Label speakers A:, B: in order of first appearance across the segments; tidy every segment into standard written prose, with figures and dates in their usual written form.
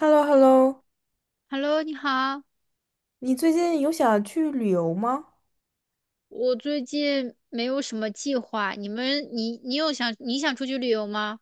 A: h e l l o h e l l o
B: Hello，你好，
A: 你最近有想去旅游吗？
B: 我最近没有什么计划，你你想出去旅游吗？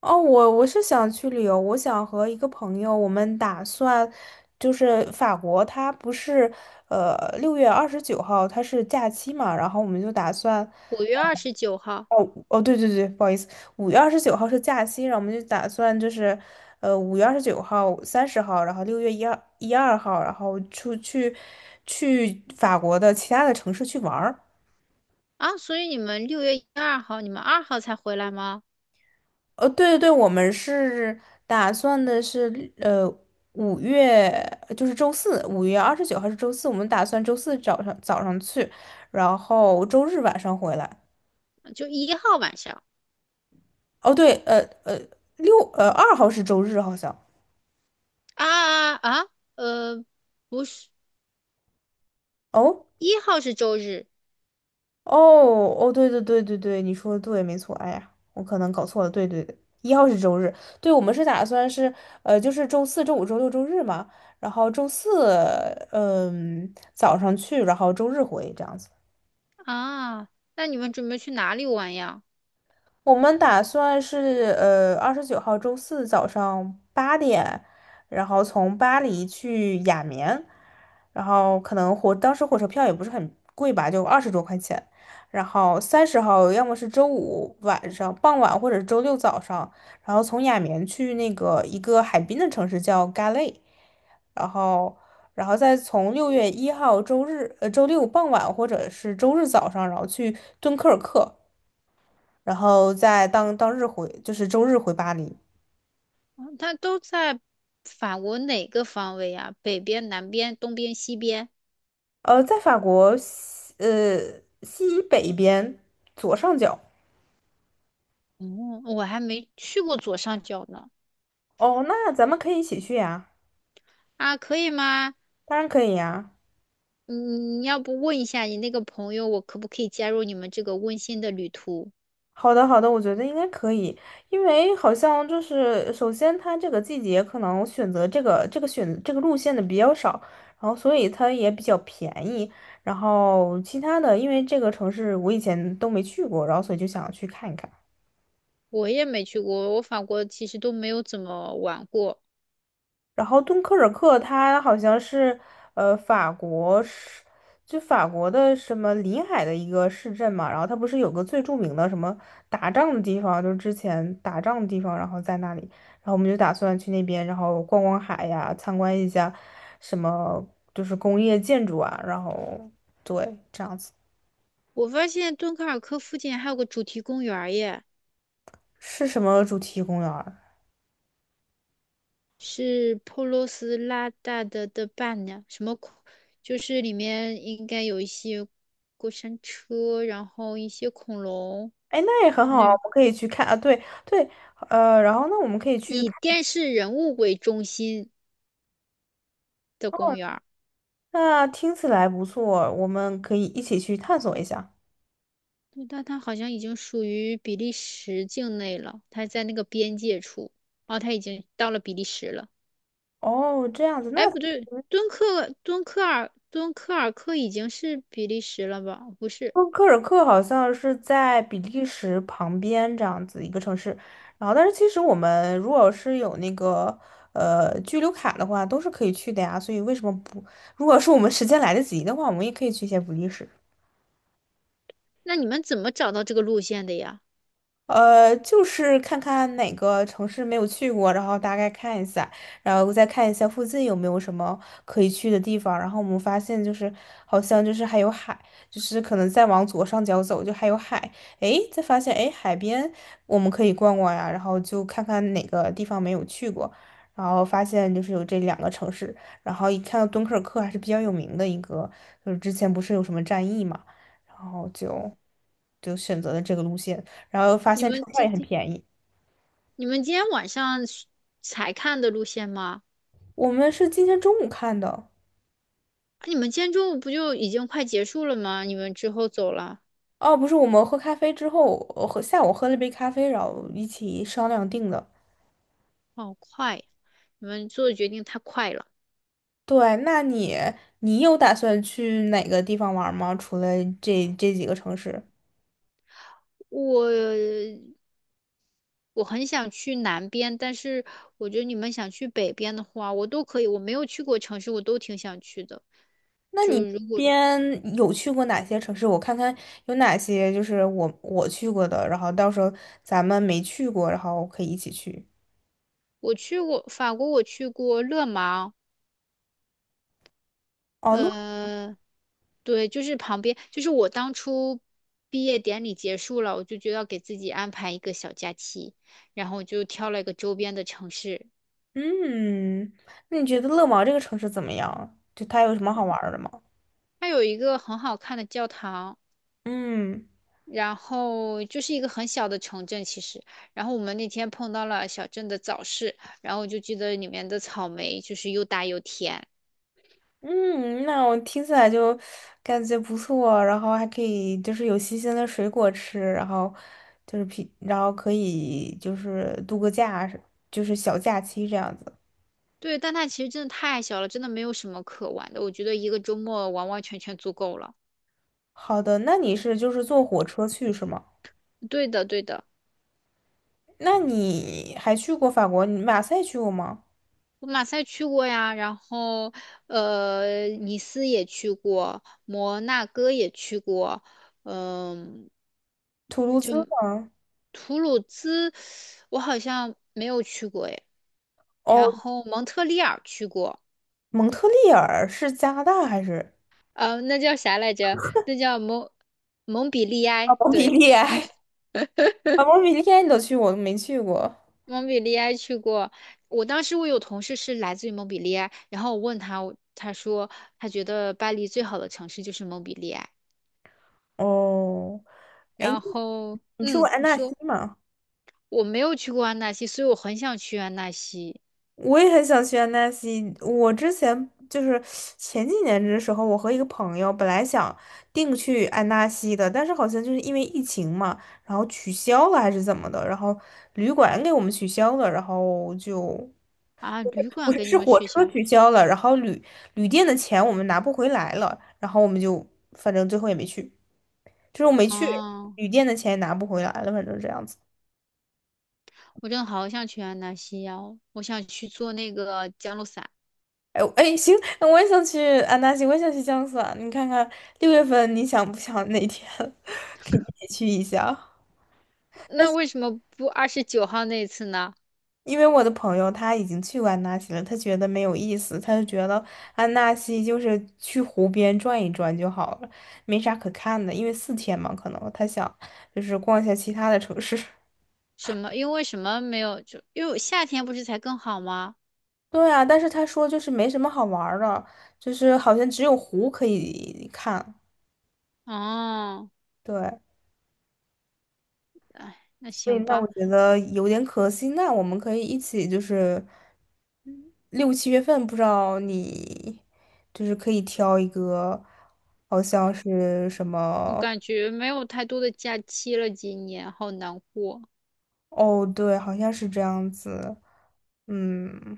A: 哦，我是想去旅游，我想和一个朋友，我们打算就是法国，它不是呃6月29号它是假期嘛，然后我们就打算。
B: 5月29号。
A: 哦哦对对对，不好意思，五月二十九号是假期，然后我们就打算就是5月29号、30号，然后六月一二号，然后出去去法国的其他的城市去玩儿。
B: 啊，所以你们6月2号，你们二号才回来吗？
A: 对对对，我们是打算的是，五月就是周四，五月二十九号是周四，我们打算周四早上去，然后周日晚上回来。
B: 就一号晚上。
A: 哦，对，呃，二号是周日好像。
B: 啊啊啊，呃，不是，
A: 哦
B: 一号是周日。
A: 哦哦，对对对对对，你说的对，没错。哎呀，我可能搞错了，对对对，一号是周日。对，我们是打算是，就是周四周五周六周日嘛，然后周四早上去，然后周日回这样子。
B: 啊，那你们准备去哪里玩呀？
A: 我们打算是二十九号周四早上8点，然后从巴黎去雅眠，然后可能火当时火车票也不是很贵吧，就20多块钱。然后三十号要么是周五晚上傍晚，或者周六早上，然后从雅眠去那个一个海滨的城市叫 g a l e。 然后然后再从6月1号周日周六傍晚或者是周日早上，然后去敦刻尔克。然后在当日回，就是周日回巴黎。
B: 嗯，它都在法国哪个方位呀？北边、南边、东边、西边？
A: 在法国西北边左上角。
B: 哦，我还没去过左上角呢。
A: 哦，那咱们可以一起去呀，
B: 啊，可以吗？
A: 当然可以呀。
B: 嗯，你要不问一下你那个朋友，我可不可以加入你们这个温馨的旅途？
A: 好的，好的，我觉得应该可以，因为好像就是首先它这个季节可能选择这个选这个路线的比较少，然后所以它也比较便宜。然后其他的，因为这个城市我以前都没去过，然后所以就想去看一看。
B: 我也没去过，我法国其实都没有怎么玩过。
A: 然后敦刻尔克它好像是呃法国是就法国的什么临海的一个市镇嘛，然后它不是有个最著名的什么打仗的地方，就是之前打仗的地方，然后在那里，然后我们就打算去那边，然后逛逛海呀，参观一下什么就是工业建筑啊，然后对这样子。
B: 我发现敦刻尔克附近还有个主题公园儿耶，
A: 是什么主题公园儿？
B: 是普罗斯拉大的伴娘，什么恐，就是里面应该有一些过山车，然后一些恐龙，
A: 哎，那也很
B: 就
A: 好啊，我
B: 那
A: 们可以去看啊。对对，然后那我们可以去。
B: 以电视人物为中心的公园。
A: 那听起来不错，我们可以一起去探索一下。
B: 对，但它好像已经属于比利时境内了，它在那个边界处。哦，它已经到了比利时了。
A: 哦，这样子，那
B: 哎，不对，敦刻尔克已经是比利时了吧？不是。
A: 说科尔克好像是在比利时旁边这样子一个城市，然后但是其实我们如果是有那个居留卡的话，都是可以去的呀。所以为什么不？如果是我们时间来得及的话，我们也可以去一些比利时。
B: 那你们怎么找到这个路线的呀？
A: 就是看看哪个城市没有去过，然后大概看一下，然后再看一下附近有没有什么可以去的地方。然后我们发现就是好像就是还有海，就是可能再往左上角走就还有海，诶，再发现诶海边我们可以逛逛呀，然后就看看哪个地方没有去过，然后发现就是有这两个城市，然后一看到敦刻尔克还是比较有名的一个，就是之前不是有什么战役嘛，然后就选择了这个路线。然后发
B: 你
A: 现车
B: 们
A: 票也
B: 今、
A: 很
B: 这，
A: 便宜。
B: 你们今天晚上是才看的路线吗？
A: 我们是今天中午看的。
B: 啊，你们今天中午不就已经快结束了吗？你们之后走了。
A: 哦，不是，我们喝咖啡之后，我下午喝了杯咖啡，然后一起商量定的。
B: 好快呀！你们做的决定太快了。
A: 对，那你你有打算去哪个地方玩吗？除了这几个城市。
B: 我我很想去南边，但是我觉得你们想去北边的话，我都可以。我没有去过城市，我都挺想去的。
A: 那
B: 就
A: 你
B: 如果
A: 边有去过哪些城市？我看看有哪些就是我去过的，然后到时候咱们没去过，然后可以一起去。
B: 我去过法国，我去过勒芒。
A: 哦，勒。
B: 呃，对，就是旁边，就是我当初毕业典礼结束了，我就觉得要给自己安排一个小假期，然后我就挑了一个周边的城市。
A: 嗯，那你觉得乐芒这个城市怎么样？就它有什么好玩儿的吗？
B: 它有一个很好看的教堂。
A: 嗯。
B: 然后就是一个很小的城镇，其实。然后我们那天碰到了小镇的早市，然后我就记得里面的草莓就是又大又甜。
A: 嗯，那我听起来就感觉不错，然后还可以就是有新鲜的水果吃，然后就是平，然后可以就是度个假，就是小假期这样子。
B: 对，但它其实真的太小了，真的没有什么可玩的。我觉得一个周末完完全全足够了。
A: 好的，那你是就是坐火车去是吗？
B: 对的，对的。
A: 那你还去过法国？你马赛去过吗？
B: 我马赛去过呀，然后呃，尼斯也去过，摩纳哥也去过。嗯、
A: 图卢兹吗？
B: 图鲁兹我好像没有去过诶，然
A: 哦，
B: 后蒙特利尔去过。
A: 蒙特利尔是加拿大还是？
B: 呃，那叫啥来着？那叫蒙蒙彼利
A: 啊，
B: 埃，
A: 蒙彼
B: 对。
A: 利 埃。啊，蒙彼利埃你都去过，我都没去过。
B: 蒙彼利埃去过。我当时我有同事是来自于蒙彼利埃，然后我问他，他说他觉得巴黎最好的城市就是蒙彼利埃。
A: 哦，
B: 然后，
A: 你去过
B: 嗯，
A: 安
B: 你
A: 纳西
B: 说
A: 吗？
B: 我没有去过安纳西，所以我很想去安纳西。
A: 我也很想去安纳西。我之前就是前几年的时候，我和一个朋友本来想定去安纳西的，但是好像就是因为疫情嘛，然后取消了还是怎么的，然后旅馆给我们取消了，然后就
B: 啊，旅
A: 不
B: 馆
A: 是
B: 给你
A: 是
B: 们
A: 火
B: 取
A: 车
B: 消。
A: 取消了，然后旅店的钱我们拿不回来了，然后我们就反正最后也没去，就是我没去，
B: 哦，
A: 旅店的钱也拿不回来了，反正这样子。
B: 我真的好想去安纳西呀、我想去做那个降落伞。
A: 哎哎，行，我也想去安纳西，我也想去江苏啊。你看看6月份你想不想哪天 可以一起去一下？
B: 那为什么不二十九号那次呢？
A: 因为我的朋友他已经去过安纳西了，他觉得没有意思，他就觉得安纳西就是去湖边转一转就好了，没啥可看的。因为4天嘛，可能他想就是逛一下其他的城市。
B: 什么？因为什么没有？就因为夏天不是才更好吗？
A: 对啊，但是他说就是没什么好玩儿的，就是好像只有湖可以看。
B: 哦，
A: 对，
B: 哎，那
A: 所以
B: 行
A: 那我
B: 吧。
A: 觉得有点可惜。那我们可以一起，就是六七月份，不知道你就是可以挑一个，好像是什
B: 我
A: 么？
B: 感觉没有太多的假期了，今年好难过。
A: 哦，对，好像是这样子。嗯，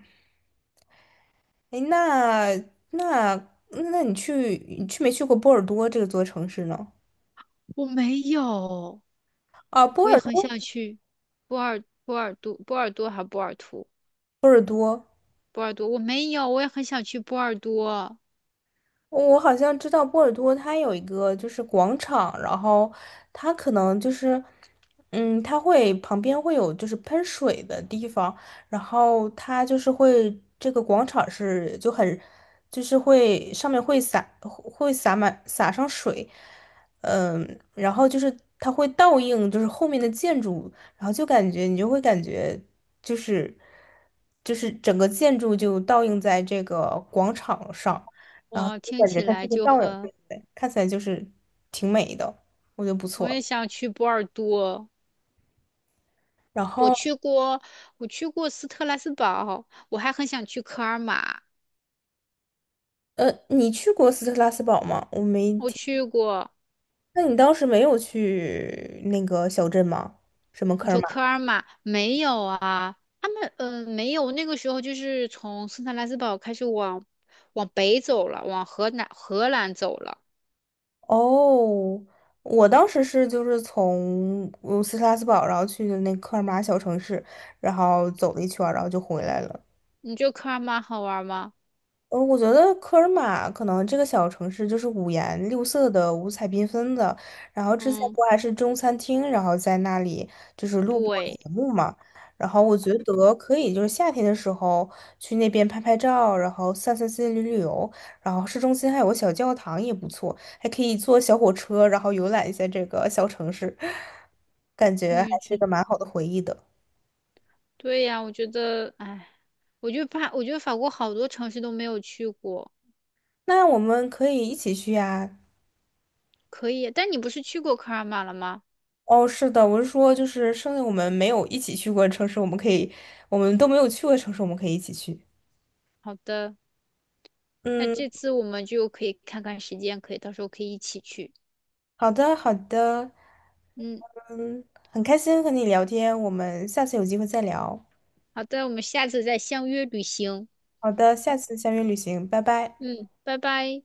A: 诶，那那你去没去过波尔多这个座城市呢？
B: 我没有，我也很想去波尔多，波尔多还波尔图。
A: 波尔多。
B: 波尔多，我没有，我也很想去波尔多。
A: 我好像知道波尔多，它有一个就是广场，然后它可能就是，嗯，它会旁边会有就是喷水的地方，然后它就是会这个广场是就很，就是会上面会洒满洒上水，嗯，然后就是它会倒映就是后面的建筑，然后就感觉你就会感觉就是就是整个建筑就倒映在这个广场上。然后
B: 我
A: 就
B: 听
A: 感觉
B: 起
A: 它是
B: 来
A: 个
B: 就
A: 倒影对
B: 很，
A: 不对？看起来就是挺美的，我觉得不
B: 我
A: 错。
B: 也想去波尔多。
A: 然
B: 我
A: 后，
B: 去过，我去过斯特拉斯堡，我还很想去科尔玛。
A: 你去过斯特拉斯堡吗？我没
B: 我
A: 听。
B: 去过。
A: 那你当时没有去那个小镇吗？什么
B: 你
A: 科尔
B: 说
A: 马？
B: 科尔玛没有啊？他们呃没有，那个时候就是从圣特莱斯堡开始往北走了，往荷兰走了。
A: 哦，我当时是就是从斯特拉斯堡，然后去的那科尔马小城市，然后走了一圈儿然后就回来了。
B: 你觉得科尔玛好玩吗？
A: 嗯，我觉得科尔玛可能这个小城市就是五颜六色的、五彩缤纷的。然后之前
B: 嗯，
A: 不还是中餐厅，然后在那里就是录过
B: 对，
A: 节目嘛。然后我觉得可以，就是夏天的时候去那边拍拍照，然后散散心、旅游。然后市中心还有个小教堂也不错，还可以坐小火车，然后游览一下这个小城市，感觉
B: 我
A: 还
B: 也
A: 是一
B: 觉
A: 个蛮好的回忆的。
B: 对呀，我觉得，哎，我就怕，我觉得法国好多城市都没有去过。
A: 那我们可以一起去呀。
B: 可以。但你不是去过科尔玛了吗？
A: 哦，是的，我是说，就是剩下我们没有一起去过的城市，我们可以，我们都没有去过的城市，我们可以一起去。
B: 好的，那
A: 嗯，
B: 这次我们就可以看看时间，可以到时候可以一起去。
A: 好的，好的，
B: 嗯，
A: 嗯，很开心和你聊天，我们下次有机会再聊。
B: 好的，我们下次再相约旅行。
A: 好的，下次相约旅行，拜拜。
B: 嗯，拜拜。